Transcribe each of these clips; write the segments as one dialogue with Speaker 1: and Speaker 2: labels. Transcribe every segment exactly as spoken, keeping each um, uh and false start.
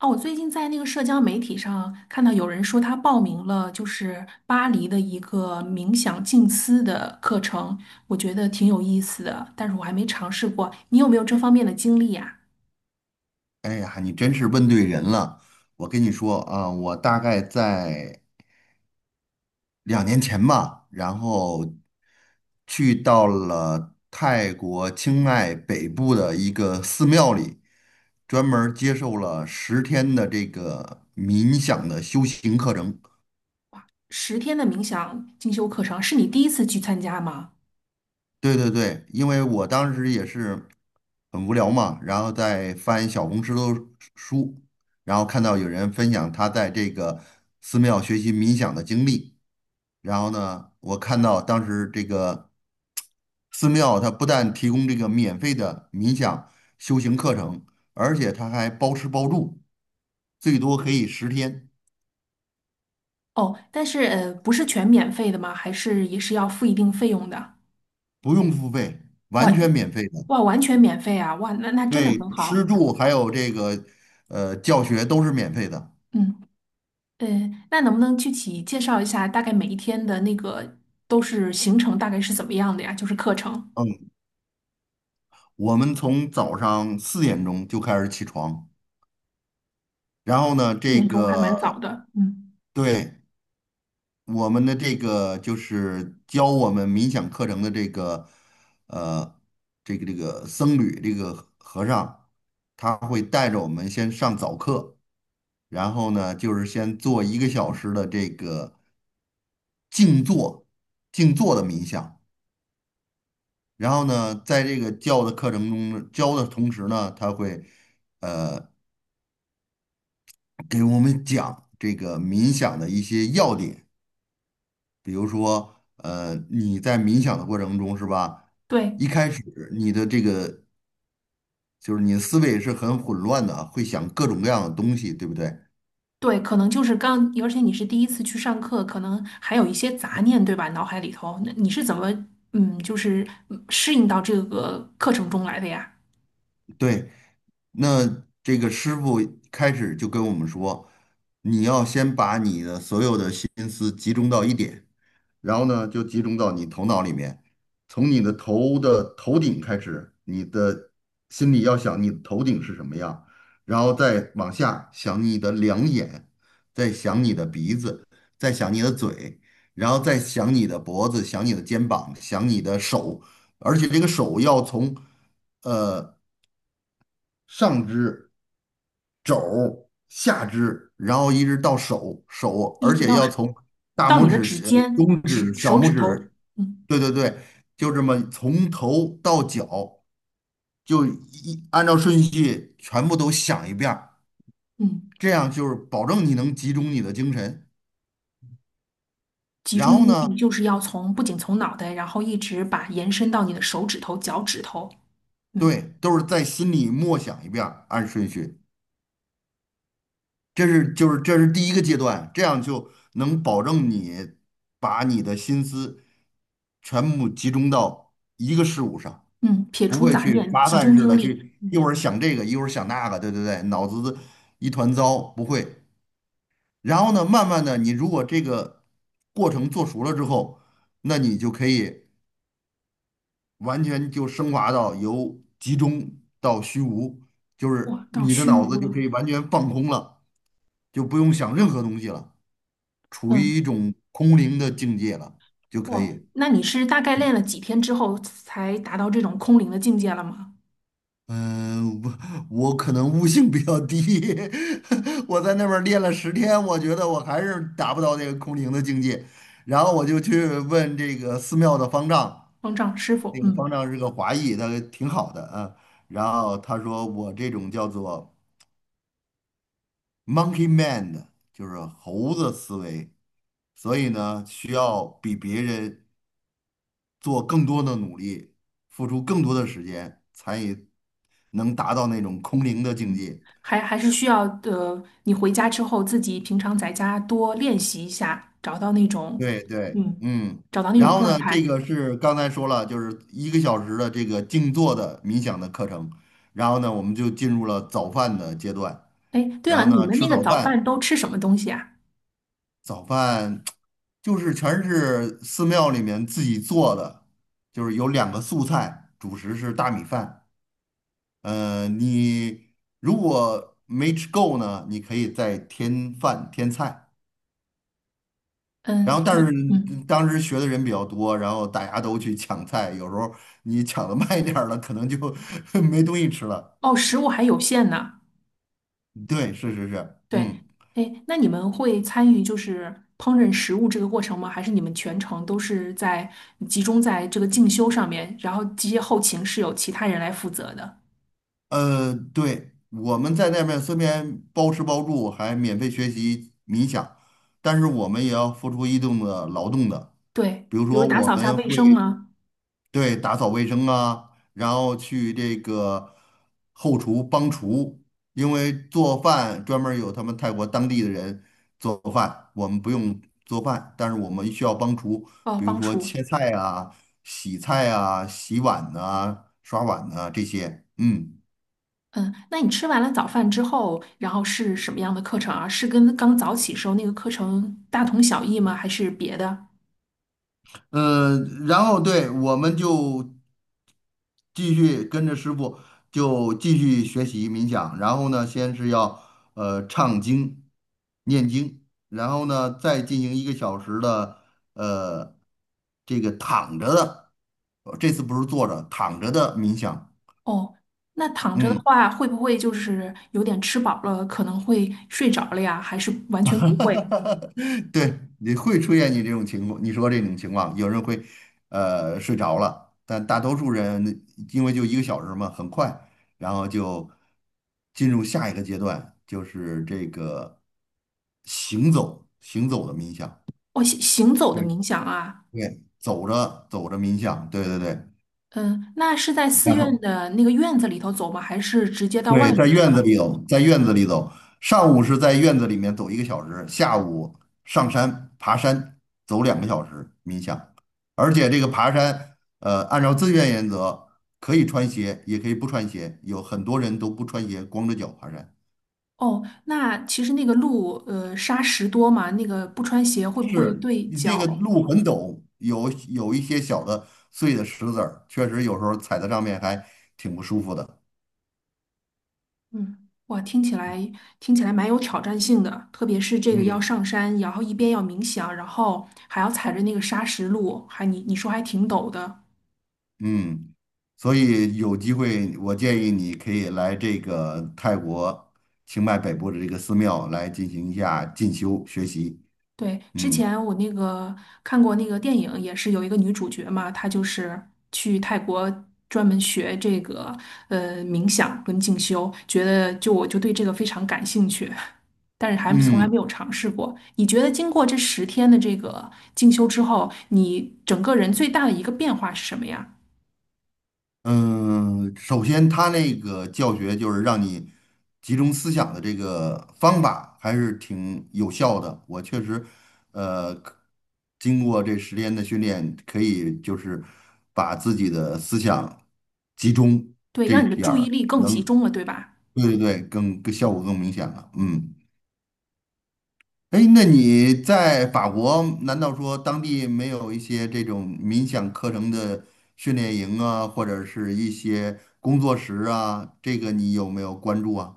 Speaker 1: 哦，我最近在那个社交媒体上看到有人说他报名了，就是巴黎的一个冥想静思的课程，我觉得挺有意思的，但是我还没尝试过。你有没有这方面的经历呀？
Speaker 2: 哎呀，你真是问对人了。我跟你说啊，我大概在两年前吧，然后去到了泰国清迈北部的一个寺庙里，专门儿接受了十天的这个冥想的修行课程。
Speaker 1: 十天的冥想进修课程是你第一次去参加吗？
Speaker 2: 对对对，因为我当时也是很无聊嘛，然后在翻小红书的书，然后看到有人分享他在这个寺庙学习冥想的经历。然后呢，我看到当时这个寺庙，它不但提供这个免费的冥想修行课程，而且它还包吃包住，最多可以十天，
Speaker 1: 哦，但是呃，不是全免费的吗？还是也是要付一定费用的？
Speaker 2: 不用付费，
Speaker 1: 哇
Speaker 2: 完全免费的。
Speaker 1: 哇，完全免费啊！哇，那那真的
Speaker 2: 对，
Speaker 1: 很
Speaker 2: 吃
Speaker 1: 好。
Speaker 2: 住还有这个呃教学都是免费的。
Speaker 1: 嗯。嗯，那能不能具体介绍一下，大概每一天的那个都是行程大概是怎么样的呀？就是课程，
Speaker 2: 嗯，我们从早上四点钟就开始起床，然后呢，
Speaker 1: 四
Speaker 2: 这
Speaker 1: 点钟还蛮早
Speaker 2: 个
Speaker 1: 的。嗯，
Speaker 2: 对我们的这个就是教我们冥想课程的这个呃这个这个僧侣这个和和尚，他会带着我们先上早课，然后呢就是先做一个小时的这个静坐静坐的冥想，然后呢在这个教的课程中呢教的同时呢，他会给我们讲这个冥想的一些要点。比如说，呃，你在冥想的过程中是吧？
Speaker 1: 对
Speaker 2: 一开始你的这个就是你的思维是很混乱的，会想各种各样的东西，对不对？
Speaker 1: 对，可能就是刚，而且你是第一次去上课，可能还有一些杂念，对吧？脑海里头，那你是怎么嗯，就是嗯适应到这个课程中来的呀？
Speaker 2: 对，那这个师傅开始就跟我们说，你要先把你的所有的心思集中到一点，然后呢，就集中到你头脑里面，从你的头的头顶开始，你的心里要想你的头顶是什么样，然后再往下想你的两眼，再想你的鼻子，再想你的嘴，然后再想你的脖子，想你的肩膀，想你的手，而且这个手要从。呃，上肢、肘、下肢，然后一直到手手，
Speaker 1: 一
Speaker 2: 而
Speaker 1: 直
Speaker 2: 且
Speaker 1: 到
Speaker 2: 要从大
Speaker 1: 到
Speaker 2: 拇
Speaker 1: 你的
Speaker 2: 指、
Speaker 1: 指
Speaker 2: 小
Speaker 1: 尖、
Speaker 2: 中
Speaker 1: 指
Speaker 2: 指、小
Speaker 1: 手
Speaker 2: 拇
Speaker 1: 指头，
Speaker 2: 指，
Speaker 1: 嗯
Speaker 2: 对对对，就这么从头到脚，就一按照顺序全部都想一遍儿，
Speaker 1: 嗯，
Speaker 2: 这样就是保证你能集中你的精神。
Speaker 1: 集
Speaker 2: 然
Speaker 1: 中
Speaker 2: 后
Speaker 1: 精力
Speaker 2: 呢，
Speaker 1: 就是要从不仅从脑袋，然后一直把延伸到你的手指头、脚趾头。嗯。
Speaker 2: 对，都是在心里默想一遍儿按顺序。这是就是这是第一个阶段，这样就能保证你把你的心思全部集中到一个事物上，
Speaker 1: 嗯，撇
Speaker 2: 不
Speaker 1: 除
Speaker 2: 会
Speaker 1: 杂
Speaker 2: 去
Speaker 1: 念，
Speaker 2: 发
Speaker 1: 集
Speaker 2: 散
Speaker 1: 中
Speaker 2: 式
Speaker 1: 精
Speaker 2: 的
Speaker 1: 力。
Speaker 2: 去一
Speaker 1: 嗯，
Speaker 2: 会儿想这个，一会儿想那个，对对对，脑子一团糟，不会。然后呢，慢慢的，你如果这个过程做熟了之后，那你就可以完全就升华到由集中到虚无，就是
Speaker 1: 哇，到
Speaker 2: 你的
Speaker 1: 虚
Speaker 2: 脑子
Speaker 1: 无
Speaker 2: 就可
Speaker 1: 了。
Speaker 2: 以完全放空了，就不用想任何东西了。处于一
Speaker 1: 嗯，
Speaker 2: 种空灵的境界了就可
Speaker 1: 哇，
Speaker 2: 以。
Speaker 1: 那你是大概练了几天之后才达到这种空灵的境界了吗？
Speaker 2: 嗯，我我可能悟性比较低，我在那边儿练了十天，我觉得我还是达不到那个空灵的境界。然后我就去问这个寺庙的方丈，
Speaker 1: 方丈师傅，
Speaker 2: 那个方
Speaker 1: 嗯
Speaker 2: 丈是个华裔，他挺好的啊。然后他说我这种叫做 monkey mind，就是猴子思维，所以呢需要比别人做更多的努力，付出更多的时间，才能达到那种空灵的境
Speaker 1: 嗯，
Speaker 2: 界。
Speaker 1: 还还是需要呃，你回家之后自己平常在家多练习一下，找到那种
Speaker 2: 对对，
Speaker 1: 嗯，
Speaker 2: 嗯，
Speaker 1: 找到那
Speaker 2: 然
Speaker 1: 种
Speaker 2: 后
Speaker 1: 状
Speaker 2: 呢，这
Speaker 1: 态。
Speaker 2: 个是刚才说了，就是一个小时的这个静坐的冥想的课程，然后呢，我们就进入了早饭的阶段，
Speaker 1: 哎，对
Speaker 2: 然
Speaker 1: 了，
Speaker 2: 后
Speaker 1: 你
Speaker 2: 呢，
Speaker 1: 们
Speaker 2: 吃
Speaker 1: 那个
Speaker 2: 早
Speaker 1: 早饭
Speaker 2: 饭，
Speaker 1: 都吃什么东西啊？
Speaker 2: 早饭就是全是寺庙里面自己做的，就是有两个素菜，主食是大米饭。呃，你如果没吃够呢，你可以再添饭添菜。
Speaker 1: 嗯，
Speaker 2: 然后，但是
Speaker 1: 你嗯，
Speaker 2: 嗯当时学的人比较多，然后大家都去抢菜，有时候你抢的慢一点儿了，可能就 没东西吃了。
Speaker 1: 哦，食物还有限呢。
Speaker 2: 对，是是是，
Speaker 1: 对，
Speaker 2: 嗯，
Speaker 1: 哎，那你们会参与就是烹饪食物这个过程吗？还是你们全程都是在集中在这个进修上面，然后这些后勤是由其他人来负责的？
Speaker 2: 呃，对，我们在那边虽然包吃包住，还免费学习冥想，但是我们也要付出一定的劳动的。
Speaker 1: 对，
Speaker 2: 比如
Speaker 1: 比如
Speaker 2: 说，
Speaker 1: 打
Speaker 2: 我
Speaker 1: 扫一下
Speaker 2: 们
Speaker 1: 卫生
Speaker 2: 会。
Speaker 1: 吗？
Speaker 2: 对，打扫卫生啊，然后去这个后厨帮厨，因为做饭专门儿有他们泰国当地的人做饭，我们不用做饭，但是我们需要帮厨，
Speaker 1: 哦，
Speaker 2: 比如
Speaker 1: 帮
Speaker 2: 说
Speaker 1: 厨。
Speaker 2: 切菜啊、洗菜啊、洗碗呐、刷碗呐、这些，嗯。
Speaker 1: 嗯，那你吃完了早饭之后，然后是什么样的课程啊？是跟刚早起时候那个课程大同小异吗？还是别的？
Speaker 2: 嗯，呃然后对，我们就继续跟着师傅就继续学习冥想，然后呢，先是要呃唱经、念经，然后呢再进行一个小时的呃这个躺着的，呃这次不是坐着，躺着的冥想，
Speaker 1: 哦，那躺着的
Speaker 2: 嗯。
Speaker 1: 话，会不会就是有点吃饱了，可能会睡着了呀？还是 完
Speaker 2: 哈
Speaker 1: 全不
Speaker 2: 哈
Speaker 1: 会？
Speaker 2: 哈！对，你会出现你这种情况，你说这种情况，有人会呃睡着了，但大多数人因为就一个小时嘛，很快，然后就进入下一个阶段，就是这个行走行走的冥想，
Speaker 1: 哦，行行走的
Speaker 2: 对，
Speaker 1: 冥想啊，
Speaker 2: 对，走着走着冥想，对对对，
Speaker 1: 嗯，那是在寺
Speaker 2: 然
Speaker 1: 院
Speaker 2: 后
Speaker 1: 的那个院子里头走吗？还是直接到外
Speaker 2: 对，在
Speaker 1: 面去
Speaker 2: 院子
Speaker 1: 了？
Speaker 2: 里走，在院子里走，上午是在院子里面走一个小时，下午上山爬山走两个小时冥想，而且这个爬山，呃，按照自愿原则，可以穿鞋，也可以不穿鞋，有很多人都不穿鞋，光着脚爬山。
Speaker 1: 哦，那其实那个路，呃，沙石多嘛，那个不穿鞋会不会
Speaker 2: 是，
Speaker 1: 对
Speaker 2: 你那个
Speaker 1: 脚？
Speaker 2: 路很陡，有有一些小的碎的石子儿，确实有时候踩在上面还挺不舒服的。
Speaker 1: 嗯，哇，听起来听起来蛮有挑战性的，特别是这个要
Speaker 2: 嗯。
Speaker 1: 上山，然后一边要冥想，然后还要踩着那个沙石路，还你你说还挺陡的。
Speaker 2: 嗯，所以有机会，我建议你可以来这个泰国清迈北部的这个寺庙来进行一下进修学习。
Speaker 1: 对，之
Speaker 2: 嗯
Speaker 1: 前我那个看过那个电影，也是有一个女主角嘛，她就是去泰国专门学这个呃冥想跟静修，觉得就我就对这个非常感兴趣，但是还从来没
Speaker 2: 嗯
Speaker 1: 有尝试过。你觉得经过这十天的这个静修之后，你整个人最大的一个变化是什么呀？
Speaker 2: 嗯，首先他那个教学就是让你集中思想的这个方法还是挺有效的。我确实，呃，可经过这十天的训练，可以就是把自己的思想集中
Speaker 1: 对，
Speaker 2: 这
Speaker 1: 让
Speaker 2: 一
Speaker 1: 你的
Speaker 2: 点
Speaker 1: 注意
Speaker 2: 儿。
Speaker 1: 力更集中了，对吧？
Speaker 2: 对对对，更更效果更明显了。嗯，哎，那你在法国，难道说当地没有一些这种冥想课程的训练营啊，或者是一些工作室啊？这个你有没有关注啊？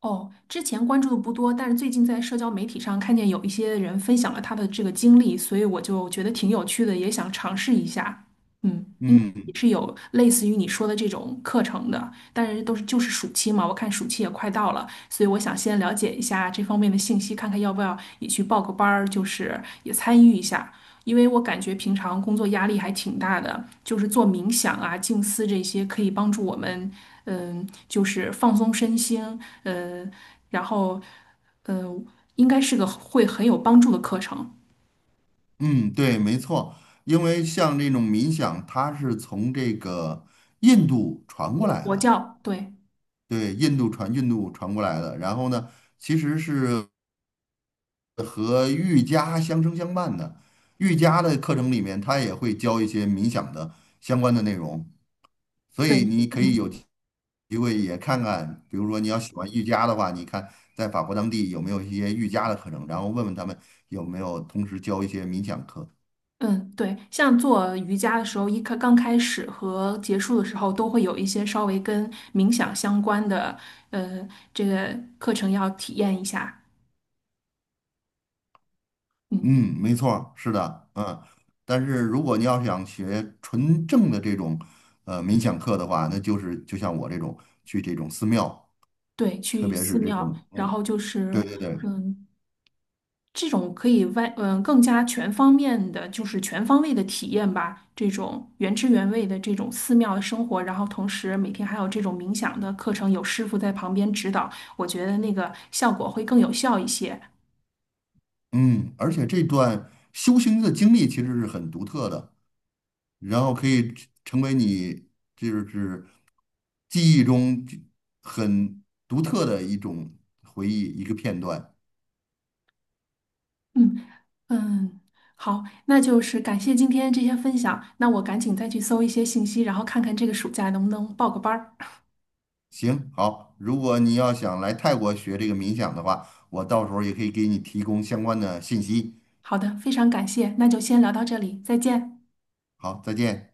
Speaker 1: 哦，之前关注的不多，但是最近在社交媒体上看见有一些人分享了他的这个经历，所以我就觉得挺有趣的，也想尝试一下。嗯。
Speaker 2: 嗯
Speaker 1: 是有类似于你说的这种课程的，但是都是就是暑期嘛，我看暑期也快到了，所以我想先了解一下这方面的信息，看看要不要也去报个班儿，就是也参与一下，因为我感觉平常工作压力还挺大的，就是做冥想啊、静思这些可以帮助我们，嗯，就是放松身心，嗯，然后，嗯，应该是个会很有帮助的课程。
Speaker 2: 嗯，对，没错，因为像这种冥想，它是从这个印度传过来
Speaker 1: 佛
Speaker 2: 的，
Speaker 1: 教，对
Speaker 2: 对，印度传印度传过来的。然后呢，其实是和瑜伽相生相伴的。瑜伽的课程里面，它也会教一些冥想的相关的内容，所
Speaker 1: 对，
Speaker 2: 以你可以有
Speaker 1: 嗯。
Speaker 2: 机会也看看，比如说你要喜欢瑜伽的话，你看在法国当地有没有一些瑜伽的课程，然后问问他们有没有同时教一些冥想课。
Speaker 1: 嗯，对，像做瑜伽的时候，一开刚开始和结束的时候，都会有一些稍微跟冥想相关的，呃，这个课程要体验一下。嗯，
Speaker 2: 嗯，没错儿，是的，嗯。但是如果你要想学纯正的这种呃冥想课的话，那就是就像我这种去这种寺庙，
Speaker 1: 对，
Speaker 2: 特
Speaker 1: 去
Speaker 2: 别
Speaker 1: 寺
Speaker 2: 是这
Speaker 1: 庙，
Speaker 2: 种
Speaker 1: 然后
Speaker 2: 嗯，
Speaker 1: 就
Speaker 2: 对
Speaker 1: 是，
Speaker 2: 对对，
Speaker 1: 嗯，这种可以外，嗯，更加全方面的，就是全方位的体验吧。这种原汁原味的这种寺庙的生活，然后同时每天还有这种冥想的课程，有师傅在旁边指导，我觉得那个效果会更有效一些。
Speaker 2: 嗯，而且这段修行的经历其实是很独特的，然后可以成成为你就是记忆中就很独特的一种回忆，一个片段。
Speaker 1: 嗯。嗯，好，那就是感谢今天这些分享，那我赶紧再去搜一些信息，然后看看这个暑假能不能报个班儿。
Speaker 2: 行，好，如果你要想来泰国学这个冥想的话，我到时候也可以给你提供相关的信息。
Speaker 1: 好的，非常感谢，那就先聊到这里，再见。
Speaker 2: 好，再见。